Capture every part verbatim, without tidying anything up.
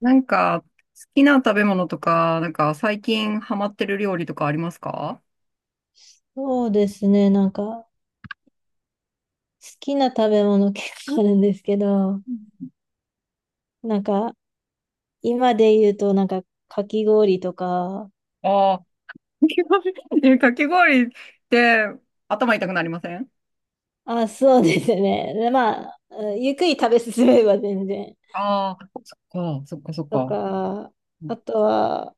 なんか、好きな食べ物とか、なんか最近ハマってる料理とかありますか？そうですね。なんか、好きな食べ物 結構あるんですけど、なんか、今で言うと、なんか、かき氷とか、ああー、かき氷え、かき氷って頭痛くなりません？あ、そうですね。でまあ、ゆっくり食べ進めば全然。ああー、そっか、そっか、そっとか。か、あとは、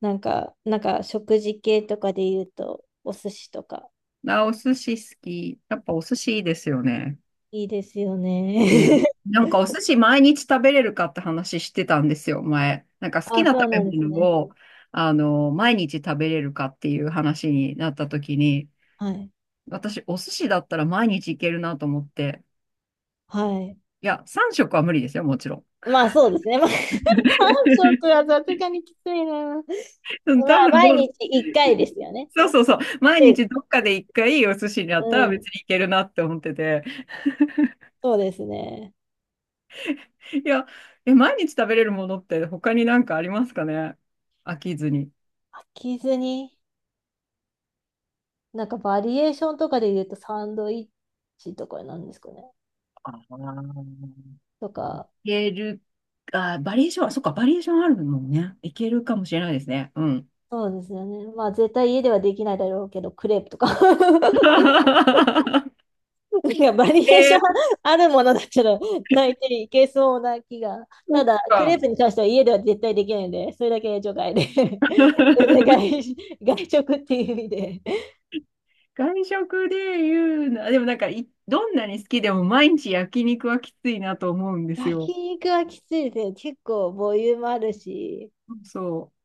なんか、なんか、食事系とかで言うと、お寿司とか、あ、お寿司好き。やっぱお寿司いいですよね。いいですよね。うん、 なんかお寿司毎日食べれるかって話してたんですよ、前。なんか好きあ、な食そうべなんです物ね。を、あの、毎日食べれるかっていう話になった時に、はい。私、お寿司だったら毎日いけるなと思って。はい。いや、さん食は無理ですよ、もちろん。まあ、そうですね。まあ さんしょく食 はさすがにきついな。うん、ま多あ、分ど毎う、日いっかいですよね。そうそうそう。毎程日どっかで一回お寿司にあうったら別ん。にいけるなって思ってて。そうですね。いや、え、毎日食べれるものって他になんかありますかね、飽きずに。飽きずに、なんかバリエーションとかで言うとサンドイッチとかなんですかね。あー、とか、いける、あ、バリエーションは、そっか、バリエーションあるもんね。いけるかもしれないですね。うん。そうですよね。まあ、絶対家ではできないだろうけど、クレープとか。なんかバリエーえションー、あるものだったら、大体いけそうな気が。そたっだ、クレーか。プに関しては家では絶対できないんで、それだけ除外で。で 外、外食っていう意味で。外食で言うな、でもなんかい、どんなに好きでも毎日焼肉はきついなと思うんです焼よ。肉はきついですね。結構ボリュームあるし、そう。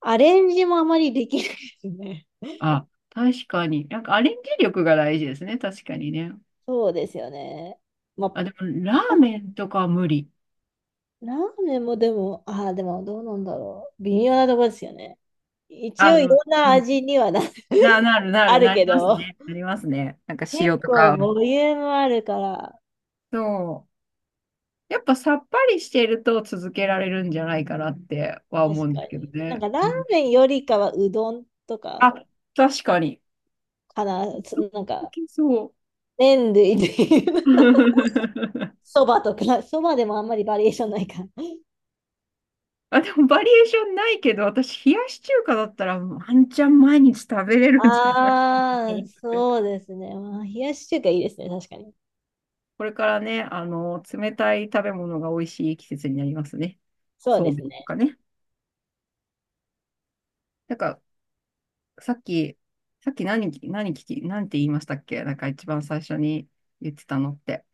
アレンジもあまりできないですね。あ、確かに。なんかアレンジ力が大事ですね。確かにね。そうですよね。まあ、あ、でもラパーメンとかは無理。ラーメンもでも、ああ、でもどうなんだろう。微妙なとこですよね。一あ、応でいも、ろんうなん。味にはな、な、なるなある、るなりけますど、ね。なりますね。なんか結塩と構か。ボリュームあるから、そう。やっぱさっぱりしてると続けられるんじゃないかなっては確思うんでかすに。けどなんね。かラーうん、メンよりかはうどんとかあ、確かに。かな、つなんいかけそ麺類でいう。う、そばとか、そばでもあんまりバリエーションないから。あ、でもバリエーションないけど、私、冷やし中華だったらワンチャン毎日食べれるんじゃないかとああ、思って、そうですね。まあ、冷やし中華いいですね、確かに。これからね、あの、冷たい食べ物が美味しい季節になりますね。そうそでうめすんとね。かね。なんか、さっき、さっき何、何聞き、なんて言いましたっけ、なんか一番最初に言ってたのって。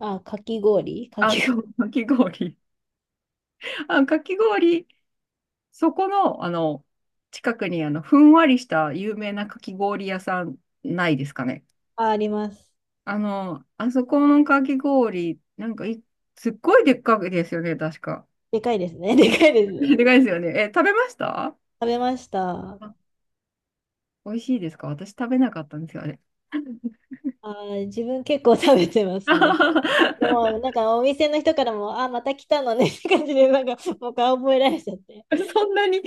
あ、かき氷かあ、き氷。そう、かき氷。あ、かき氷、そこの、あの、近くに、あの、ふんわりした有名なかき氷屋さんないですかね。あ、あります。あの、あそこのかき氷、なんかい、すっごいでっかくですよね、確か。でかいですね。でかいです ね。でかいですよね。え、食べました？食べました。あ、美味しいですか？私食べなかったんですよ、あれ。あー、自分結構食べてますね。でも、なん かお店の人からも、あ、また来たのねって感じで、なんかもう顔覚えられちゃって。そんなに？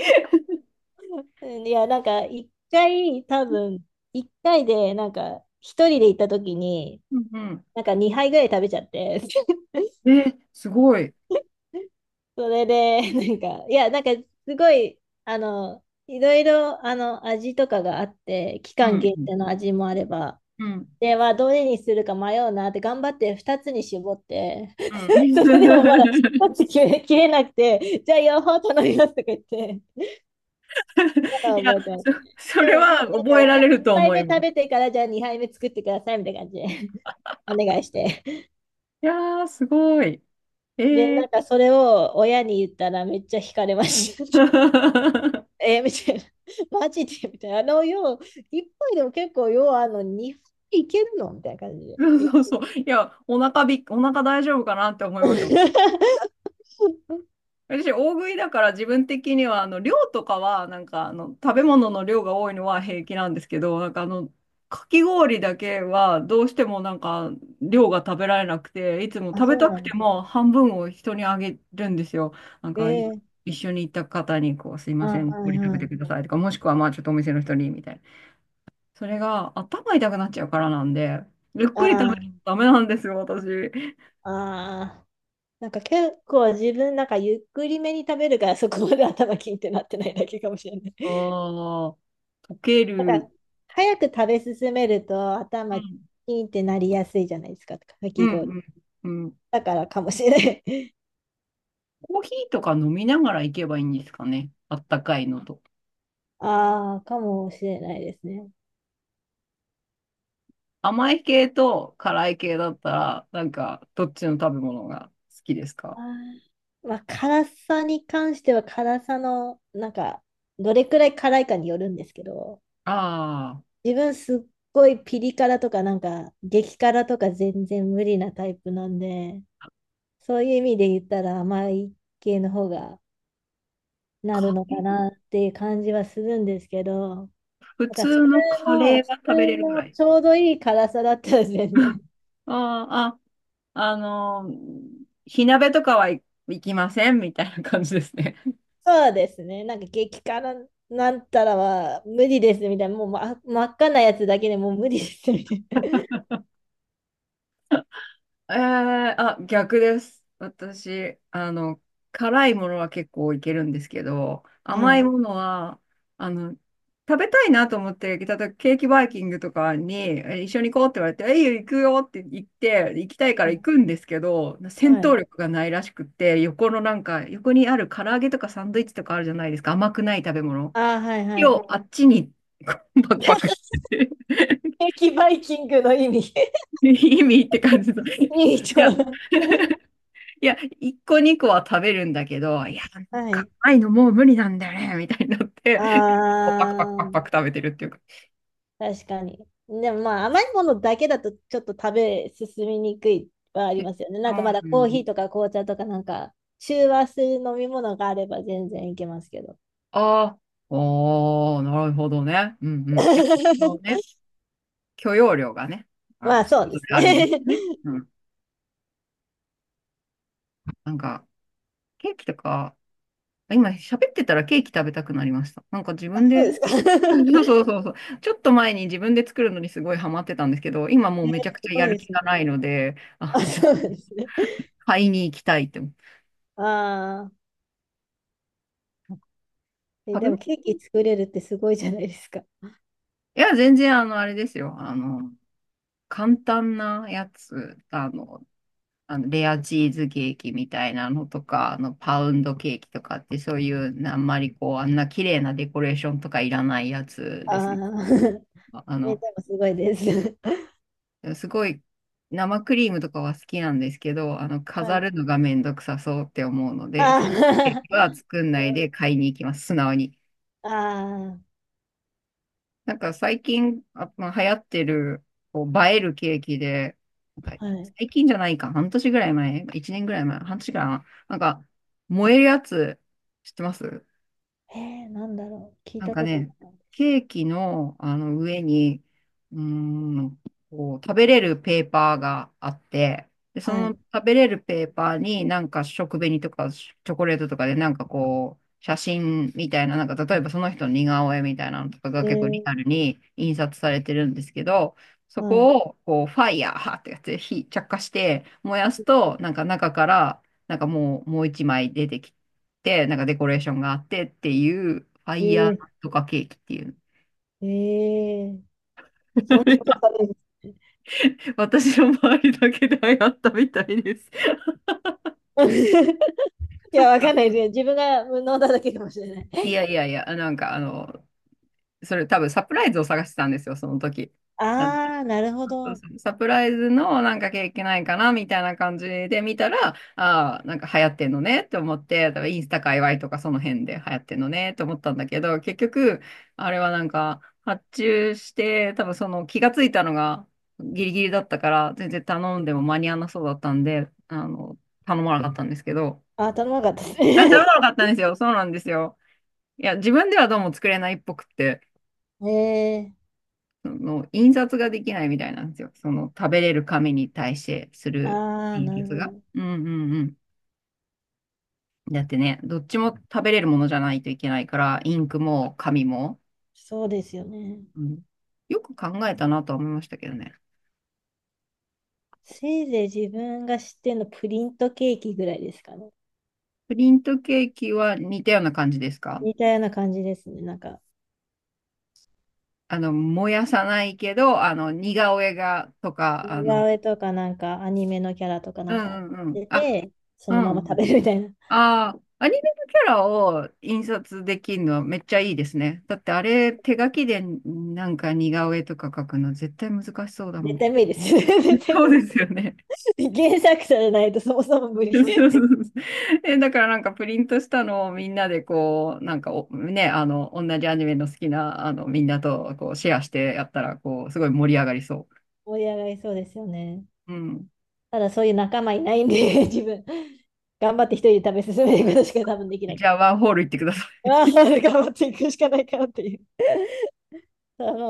うん、いや、なんか一回、多分、一回で、なんか一人で行った時に、うんなんかにはいぐらい食べちゃって。うん。え、すごい。それで、なんか、いや、なんか、すごい、あの、いろいろ、あの、味とかがあって、期う間ん限うん。定の味もあれば、うんで、はどれにするか迷うなって、頑張ってふたつに絞って、う それでもまだ1ん。つ切れ、切れなくて、じゃあ両方頼みますとか言って、まだいや、覚えてます。そ、それで、でなんはか、覚えら1れると杯思目いま食す。べてから、じゃあにはいめ作ってくださいみたいな感じで、お願いして。いやー、すごい。えで、なんー。か、それを親に言ったら、めっちゃ惹かれました。えーみたいな。マジでみたいな。あの、よう、いっぱいでも結構、よう、あの、にはいいけるのみたいな感じで。そいうや そうそう。いや、お腹びっ、お腹大丈夫かなって思いました。私、大食いだから自分的には、あの、量とかは、なんか、あの、食べ物の量が多いのは平気なんですけど、なんか、あの、かき氷だけは、どうしてもなんか、量が食べられなくて、いつもあ、食べそうたなくんてでもす半分を人にあげるんですよ。なんか、いね。一緒に行った方に、こう、すいあ、ません、はこいれ食べはてい。くださいとか、もしくは、まあ、ちょっとお店の人に、みたいな。それが、頭痛くなっちゃうからなんで、ゆっくり食べなとあダメなんですよ、私。あ、ああ。なんか結構自分、なんかゆっくりめに食べるから、そこまで頭キンってなってないだけかもしれない。ああ、溶けなんる。か、早く食べ進めるとう頭キんンってなりやすいじゃないですか、かうき氷。んうん、うん。だからかもしれない。コーヒーとか飲みながら行けばいいんですかね。あったかいのと。ああ、かもしれないですね。甘い系と辛い系だったら、なんか、どっちの食べ物が好きですか？あーまあ、辛さに関しては辛さの、なんか、どれくらい辛いかによるんですけど、ああー、自分すっごいピリ辛とか、なんか、激辛とか全然無理なタイプなんで、そういう意味で言ったら甘い系の方がなるカのレかー、なっていう感じはするんですけど、普なんか普通通のカの、レー普は食べれ通るぐのらい。ちょうどいい辛さだったら全然、 あーあ、あのー火鍋とかはい行きませんみたいな感じですね。そうですね。なんか激辛なんたらは無理ですみたいな。もう、ま、真っ赤なやつだけでもう無理ですみたいえー、あ、逆です。私、あの、辛いものは結構いけるんですけど、な。は甘いい。ものは、あの、食べたいなと思って、例えばケーキバイキングとかに、え一緒に行こうって言われて、えいいよ、行くよって言って、行きたいから行くんですけど、戦は闘い。力がないらしくって、横のなんか、横にある唐揚げとかサンドイッチとかあるじゃないですか、甘くない食べ物。ああ、はいは今い。日、あっちに、こうバクバクっ て 激バイキングの意味 意味って感じの。いいい と。や、いや、一個二個は食べるんだけど、いや、なんはかい。甘いのもう無理なんだよね、みたいになって、あこうパクパクパクパクあ、食べてるっていうか。確かに。でもまあ甘いものだけだとちょっと食べ進みにくいはあえ、りそますよね。なんうかなまだコんーでヒーす。とか紅茶とかなんか中和する飲み物があれば全然いけますけど。ああ、ああ、なるほどね。うんうん。やっぱそう ね、許容量がね、まあ、まあちそょうでっすとあるんですね。ね。うん。なんか、ケーキとか、今喋ってたらケーキ食べたくなりました。なんか自あ、分そで、うですか。そう そうそうそう。ちょっと前に自分で作るのにすごいハマってたんですけど、今もうえーめちゃくすちゃごやいるで気すね。がないので、ああ、の、そうなんですね。買いに行きたいって。ああ、え、食べでも物、ケーキ作れるってすごいじゃないですか。いや、全然、あの、あれですよ。あの、簡単なやつ、あの、あのレアチーズケーキみたいなのとか、あの、パウンドケーキとかって、そういう、あんまりこう、あんな綺麗なデコレーションとかいらないやつですああ、ね。あえ、での、もすごいです。すごい、生クリームとかは好きなんですけど、あの、は飾い。るのがめんどくさそうって思うので、そういうケああ、ーキは作んないで 買いに行きます。素直に。あなんか最近、あ、まあ、流行ってる、こう、映えるケーキで、なんかあ、はい。最近じゃないか、半年ぐらい前、いちねんぐらい前、半年ぐらい前、なんか、燃えるやつ、知ってます？えー、なんだろう。聞いなんたかことなかね、ったです。ケーキの、あの上に、うーん、こう、食べれるペーパーがあって、で、そはのい。食べれるペーパーになんか食紅とかチョコレートとかでなんかこう、写真みたいな、なんか例えばその人の似顔絵みたいなのとかがえ結構リー、アルに印刷されてるんですけど、そはい。こをこう、ファイヤーってやつで火、着火して燃やすと、なんか中から、なんかもう、もう一枚出てきて、なんかデコレーションがあってっていう、ファイヤえーとかケーキっていう。ー、えー、そんなことあ るんです私の周りだけで流行ったみたいです。ね。いそや、っわかんか。ないですよ。自分が飲んだだけかもしれない。いやいやいや、なんかあの、それ多分サプライズを探してたんですよ、その時。ああ、なるほそうど。そう、サプライズのなんかケーないかなみたいな感じで見たら、ああ、なんか流行ってんのねって思って、だからインスタ界隈とかその辺で流行ってんのねって思ったんだけど、結局、あれはなんか発注して、多分その気がついたのがギリギリだったから、全然頼んでも間に合わなそうだったんで、あの、頼まなかったんですけど、あ、頼まなかったですあ、頼ね。まなかったんですよ。そうなんですよ。いや、自分ではどうも作れないっぽくって。ええ、その印刷ができないみたいなんですよ。その食べれる紙に対してすあるあー、な印る刷ほが。ど。うんうんうん。だってね、どっちも食べれるものじゃないといけないから、インクも紙も。そうですよね。うん、よく考えたなとは思いましたけどね。せいぜい自分が知ってるのプリントケーキぐらいですかね。プリントケーキは似たような感じですか？似たような感じですね。なんか、あの、燃やさないけど、あの、似顔絵がと似か、あ顔の、絵とかなんかアニメのキャラとかうなんかんうんうん。出あ、て、そうのまま食ん、べるみたいな。ああ、アニメのキャラを印刷できるのはめっちゃいいですね。だってあれ、手書きでなんか似顔絵とか描くの絶対難しそうだも絶ん。対無理ですよね。絶 対そうですよね。無理、原作者じゃないとそもそも無理。そうそうそ うそう、え、だからなんかプリントしたのをみんなでこう、なんかおね、あの、同じアニメの好きな、あの、みんなとこうシェアしてやったら、こう、すごい盛り上がりそ盛り上がりそうですよね。う。うん。ただそういう仲間いないんで、自分。頑張って一人で食べ進めていくことしか多分できないじかゃあ、ら。ワンホール行ってください。ああ、頑張っていくしかないかなっていう。ただもう